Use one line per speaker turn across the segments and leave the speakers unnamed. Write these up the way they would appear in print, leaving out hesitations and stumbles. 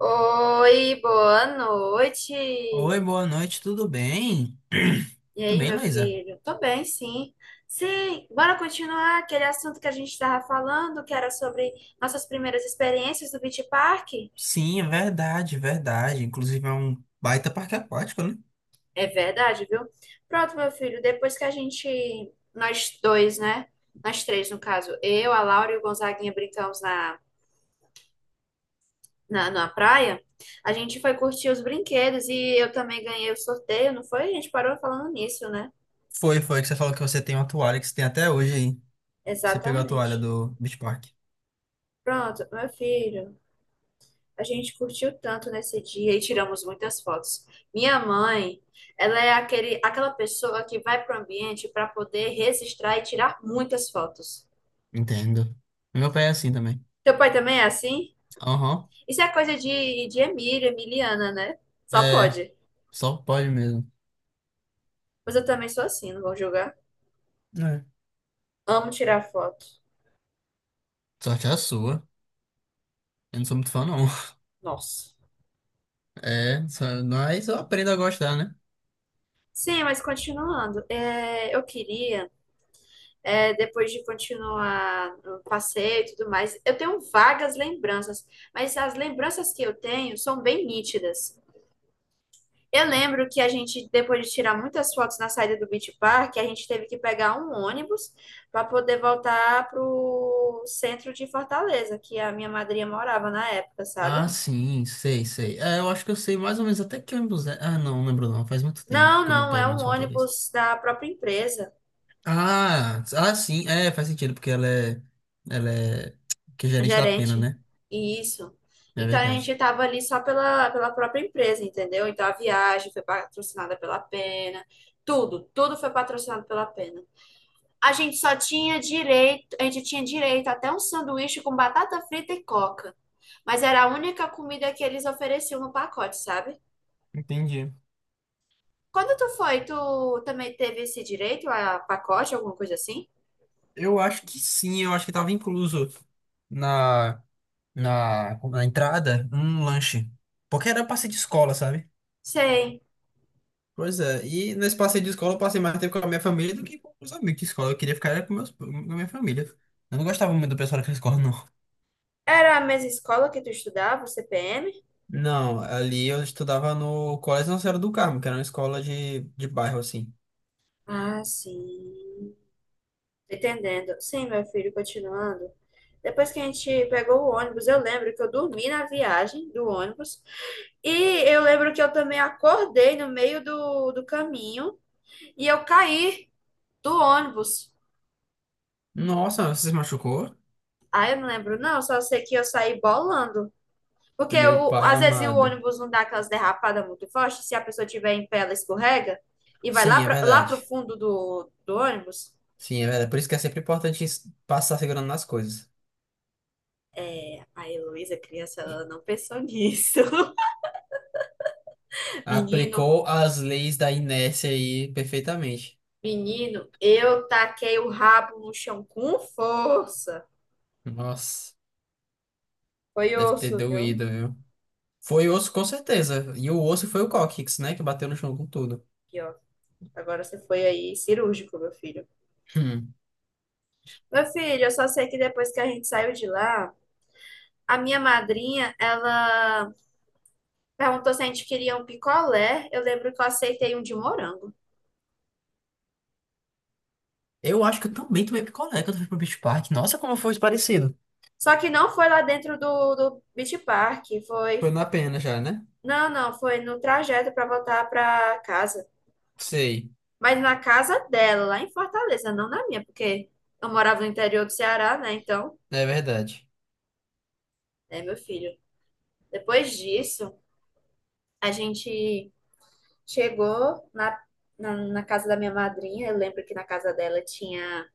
Oi, boa
Oi,
noite.
boa noite, tudo bem?
E
Tudo
aí,
bem,
meu
Luísa?
filho? Tô bem, sim. Sim, bora continuar aquele assunto que a gente estava falando, que era sobre nossas primeiras experiências do Beach Park.
Sim, é verdade, é verdade. Inclusive é um baita parque aquático, né?
É verdade, viu? Pronto, meu filho, depois que a gente, nós dois, né? Nós três, no caso, eu, a Laura e o Gonzaguinha brincamos na praia, a gente foi curtir os brinquedos e eu também ganhei o sorteio, não foi? A gente parou falando nisso, né?
Foi, foi que você falou que você tem uma toalha que você tem até hoje aí. Você pegou a toalha
Exatamente.
do Beach Park.
Pronto, meu filho, a gente curtiu tanto nesse dia e tiramos muitas fotos. Minha mãe, ela é aquela pessoa que vai para o ambiente para poder registrar e tirar muitas fotos.
Entendo. Meu pai é assim também.
Teu pai também é assim?
Aham.
Isso é coisa de Emílio, Emiliana, né? Só
É,
pode.
só pode mesmo.
Mas eu também sou assim, não vou julgar.
É.
Amo tirar foto.
Sorte é a sua. Eu não sou muito fã, não.
Nossa.
É, mas eu aprendo a gostar, né?
Sim, mas continuando, eu queria. Depois de continuar o passeio e tudo mais. Eu tenho vagas lembranças, mas as lembranças que eu tenho são bem nítidas. Eu lembro que a gente, depois de tirar muitas fotos na saída do Beach Park, a gente teve que pegar um ônibus para poder voltar para o centro de Fortaleza, que a minha madrinha morava na época, sabe?
Ah, sim, sei, sei. É, eu acho que eu sei mais ou menos até que ônibus é. Ah, não, não lembro não. Faz muito tempo
Não,
que eu não
não, é
pego
um
ônibus Fortaleza.
ônibus da própria empresa.
Ah, ah, sim, é, faz sentido, porque ela é, que é gerente da pena,
Gerente.
né?
Isso.
É
Então a gente
verdade.
estava ali só pela própria empresa, entendeu? Então a viagem foi patrocinada pela Pena, tudo foi patrocinado pela Pena. A gente só tinha direito, a gente tinha direito até um sanduíche com batata frita e coca. Mas era a única comida que eles ofereciam no pacote, sabe?
Entendi.
Quando tu foi, tu também teve esse direito a pacote, alguma coisa assim?
Eu acho que sim, eu acho que tava incluso na, na entrada um lanche. Porque era passeio de escola, sabe?
Sei.
Pois é, e nesse passeio de escola eu passei mais tempo com a minha família do que com os amigos de escola. Eu queria ficar era com, meus, com a minha família. Eu não gostava muito do pessoal daquela escola, não.
Era a mesma escola que tu estudava, o CPM?
Não, ali eu estudava no Colégio Nossa Senhora do Carmo, que era uma escola de bairro, assim.
Ah, sim. Entendendo. Sim, meu filho, continuando. Depois que a gente pegou o ônibus, eu lembro que eu dormi na viagem do ônibus. E eu lembro que eu também acordei no meio do caminho e eu caí do ônibus.
Nossa, você se machucou?
Ah, eu não lembro, não, só sei que eu saí bolando.
Meu pai
Às vezes o
amado.
ônibus não dá aquelas derrapadas muito fortes, se a pessoa tiver em pé, ela escorrega e vai lá
Sim, é
para lá pro
verdade.
fundo do ônibus.
Sim, é verdade. Por isso que é sempre importante passar segurando nas coisas.
É, a Heloísa, criança, ela não pensou nisso. Menino,
Aplicou as leis da inércia aí perfeitamente.
Menino, eu taquei o rabo no chão com força.
Nossa,
Foi
deve ter
osso, viu?
doído, viu? Foi osso, com certeza. E o osso foi o cóccix, né? Que bateu no chão com tudo.
Aqui, ó. Agora você foi aí cirúrgico, meu filho.
Hum.
Meu filho, eu só sei que depois que a gente saiu de lá, a minha madrinha, ela perguntou se a gente queria um picolé. Eu lembro que eu aceitei um de morango.
Eu acho que eu também tomei picolé quando eu fui pro Beach Park. Nossa, como foi parecido.
Só que não foi lá dentro do Beach Park, foi.
Foi na pena já, né?
Não, não, foi no trajeto para voltar para casa.
Sei,
Mas na casa dela, lá em Fortaleza, não na minha, porque eu morava no interior do Ceará, né? Então.
é verdade.
Né, meu filho? Depois disso, a gente chegou na casa da minha madrinha. Eu lembro que na casa dela tinha,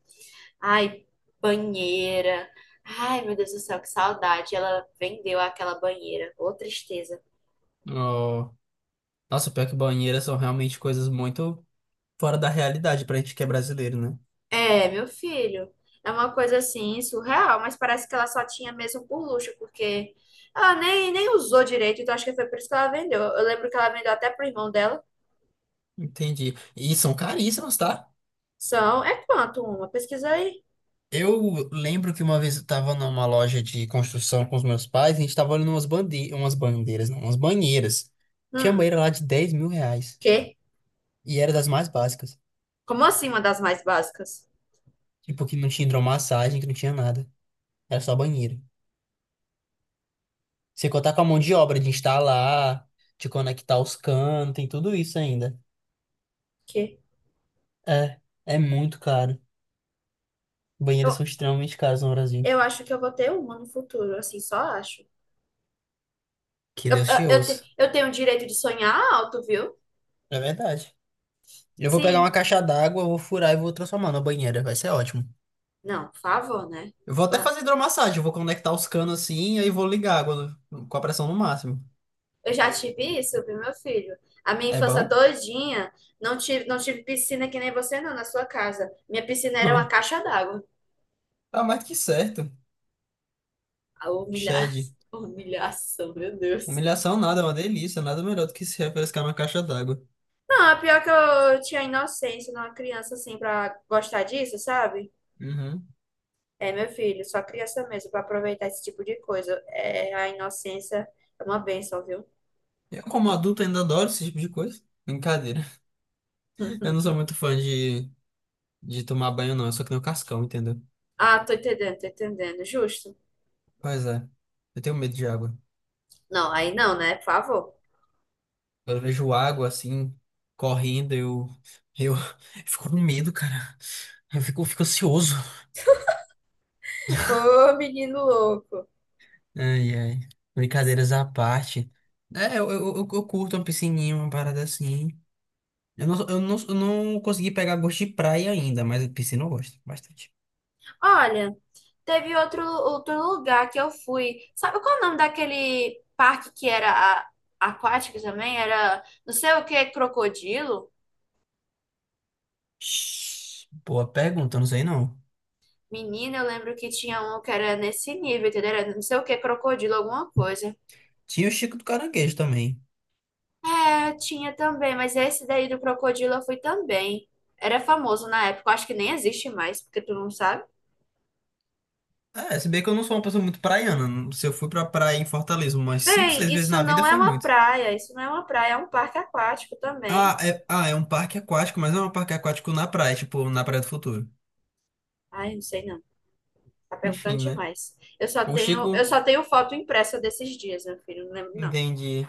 ai, banheira. Ai, meu Deus do céu, que saudade. Ela vendeu aquela banheira. Ô, tristeza.
Oh. Nossa, pior que banheiras são realmente coisas muito fora da realidade pra gente que é brasileiro, né?
É, meu filho. É uma coisa assim, surreal, mas parece que ela só tinha mesmo por luxo, porque ela nem usou direito, então acho que foi por isso que ela vendeu. Eu lembro que ela vendeu até pro irmão dela.
Entendi. E são caríssimas, tá?
São, é quanto uma? Pesquisa aí.
Eu lembro que uma vez eu tava numa loja de construção com os meus pais, e a gente tava olhando umas bande... umas bandeiras, não, umas banheiras. Tinha
Hum,
banheira lá de 10 mil reais.
quê?
E era das mais básicas.
Como assim uma das mais básicas?
Tipo, que não tinha hidromassagem, que não tinha nada. Era só banheiro. Sem contar com a mão de obra de instalar, de conectar os canos, tem tudo isso ainda.
Que
É, é muito caro. Banheiros
eu,
são extremamente caros no Brasil.
eu acho que eu vou ter uma no futuro, assim, só acho.
Que Deus te ouça.
Eu tenho o direito de sonhar alto, viu?
É verdade. Eu vou pegar uma
Sim.
caixa d'água, vou furar e vou transformar na banheira. Vai ser ótimo.
Não, por favor, né?
Eu vou
Eu,
até fazer hidromassagem. Eu vou conectar os canos assim e aí vou ligar a água com a pressão no máximo.
eu já tive isso, viu, meu filho? A minha
É
infância
bom?
todinha, não tive piscina que nem você, não, na sua casa. Minha piscina era
Hã.
uma caixa d'água.
Tá mais que certo.
A humilha...
Shed.
Humilhação, meu Deus.
Humilhação nada, é uma delícia. Nada melhor do que se refrescar na caixa d'água.
Não, é pior que eu tinha inocência, eu era uma criança assim, pra gostar disso, sabe?
Uhum.
É, meu filho, só criança mesmo para aproveitar esse tipo de coisa. É, a inocência é uma bênção, viu?
Eu, como adulto, ainda adoro esse tipo de coisa. Brincadeira. Eu não sou muito fã de tomar banho, não. Eu só que nem o cascão, entendeu?
Ah, tô entendendo, tô entendendo. Justo.
Pois é. Eu tenho medo de água.
Não, aí não, né? Por favor.
Quando eu vejo água assim, correndo, eu fico com medo, cara. Eu fico ansioso.
Ô, menino louco.
Ai, ai. Brincadeiras à parte. É, eu curto uma piscininha, uma parada assim. Eu não consegui pegar gosto de praia ainda, mas piscina eu gosto bastante.
Olha, teve outro lugar que eu fui. Sabe qual é o nome daquele parque que era aquático também? Era não sei o que, crocodilo?
Shhh, boa pergunta, não sei não.
Menina, eu lembro que tinha um que era nesse nível, entendeu? Era não sei o que, crocodilo, alguma coisa.
Tinha o Chico do Caranguejo também.
É, tinha também, mas esse daí do crocodilo eu fui também. Era famoso na época, eu acho que nem existe mais, porque tu não sabe.
É, se bem que eu não sou uma pessoa muito praiana. Se eu fui pra praia em Fortaleza umas 5
Bem,
6 vezes
isso
na vida,
não é
foi
uma
muito.
praia, isso não é uma praia, é um parque aquático também.
Ah, é um parque aquático, mas não é um parque aquático na praia, tipo, na Praia do Futuro.
Ai, não sei não, tá perguntando
Enfim, né?
demais.
O
Eu
Chico,
só tenho foto impressa desses dias, meu filho, não lembro não.
entendi.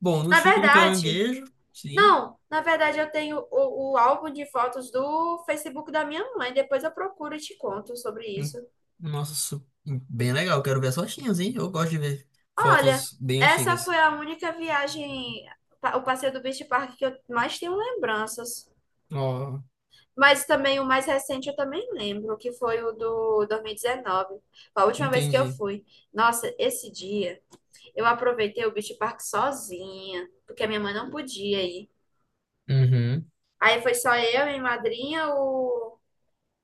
Bom, no
Na
Chico do
verdade,
Caranguejo, sim.
não, na verdade eu tenho o álbum de fotos do Facebook da minha mãe, depois eu procuro e te conto sobre
Hum,
isso.
nossa, bem legal. Quero ver as fotinhas, hein? Eu gosto de ver
Olha,
fotos bem
essa foi
antigas.
a única viagem, o passeio do Beach Park que eu mais tenho lembranças.
Ó,
Mas também o mais recente eu também lembro, que foi o do 2019. Foi a última vez que eu
entendi.
fui. Nossa, esse dia eu aproveitei o Beach Park sozinha, porque a minha mãe não podia ir.
Uhum.
Aí foi só eu, minha madrinha, o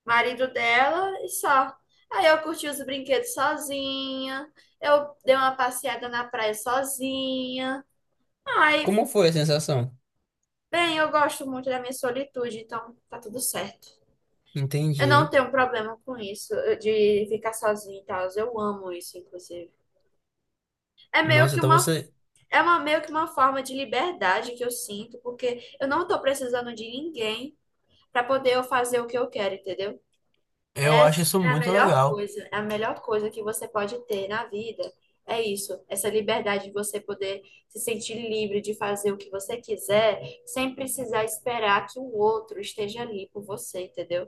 marido dela e só. Aí eu curti os brinquedos sozinha, eu dei uma passeada na praia sozinha. Ai,
Como foi a sensação?
bem, eu gosto muito da minha solitude, então tá tudo certo. Eu não
Entendi.
tenho problema com isso, de ficar sozinha e tal. Eu amo isso, inclusive. É meio
Nossa,
que
então
uma,
você.
é uma, meio que uma forma de liberdade que eu sinto, porque eu não tô precisando de ninguém pra poder eu fazer o que eu quero, entendeu?
Eu acho
Essa
isso
é a
muito
melhor
legal.
coisa, é a melhor coisa que você pode ter na vida. É isso, essa liberdade de você poder se sentir livre de fazer o que você quiser, sem precisar esperar que o outro esteja ali por você, entendeu?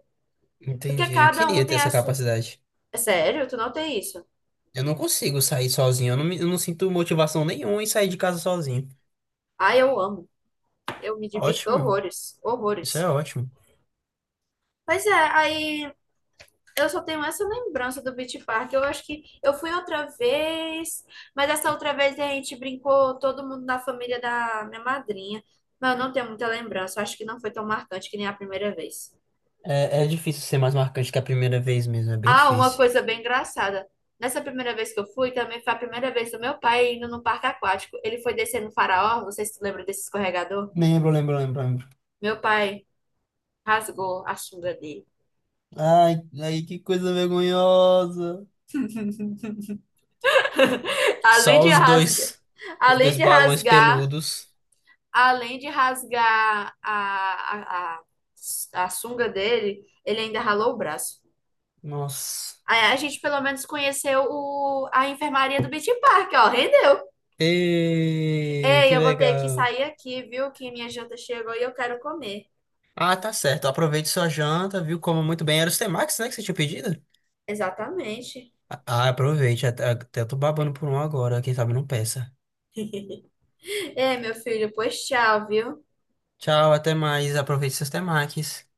Porque
Entendi. Eu
cada um
queria ter
tem a
essa
sua.
capacidade.
É sério, tu não tem isso?
Eu não consigo sair sozinho. Eu não sinto motivação nenhuma em sair de casa sozinho.
Ah, eu amo. Eu me divirto
Ótimo,
horrores,
isso é
horrores.
ótimo.
Pois é, aí eu só tenho essa lembrança do Beach Park. Eu acho que eu fui outra vez, mas essa outra vez a gente brincou todo mundo na família da minha madrinha. Mas eu não tenho muita lembrança. Eu acho que não foi tão marcante que nem a primeira vez.
É, é difícil ser mais marcante que a primeira vez mesmo, é bem
Ah, uma
difícil.
coisa bem engraçada. Nessa primeira vez que eu fui, também foi a primeira vez do meu pai indo no parque aquático. Ele foi descendo o faraó. Vocês se lembram desse escorregador?
Lembro, lembro, lembro, lembro.
Meu pai rasgou a sunga dele.
Ai, ai, que coisa vergonhosa.
Além
Só
de rasgar,
os
além
dois
de
balões
rasgar
peludos.
além de rasgar a sunga dele, ele ainda ralou o braço.
Nossa.
Aí a gente pelo menos conheceu o, a enfermaria do Beach Park, ó, rendeu.
Ê,
Ei,
que
eu vou ter que
legal.
sair aqui, viu? Que minha janta chegou e eu quero comer.
Ah, tá certo. Aproveite sua janta, viu? Coma muito bem. Era os temakis, né, que você tinha pedido?
Exatamente.
Ah, aproveite. Até, até eu tô babando por um agora. Quem sabe não peça.
É, meu filho, pois tchau, viu?
Tchau, até mais. Aproveite seus temakis.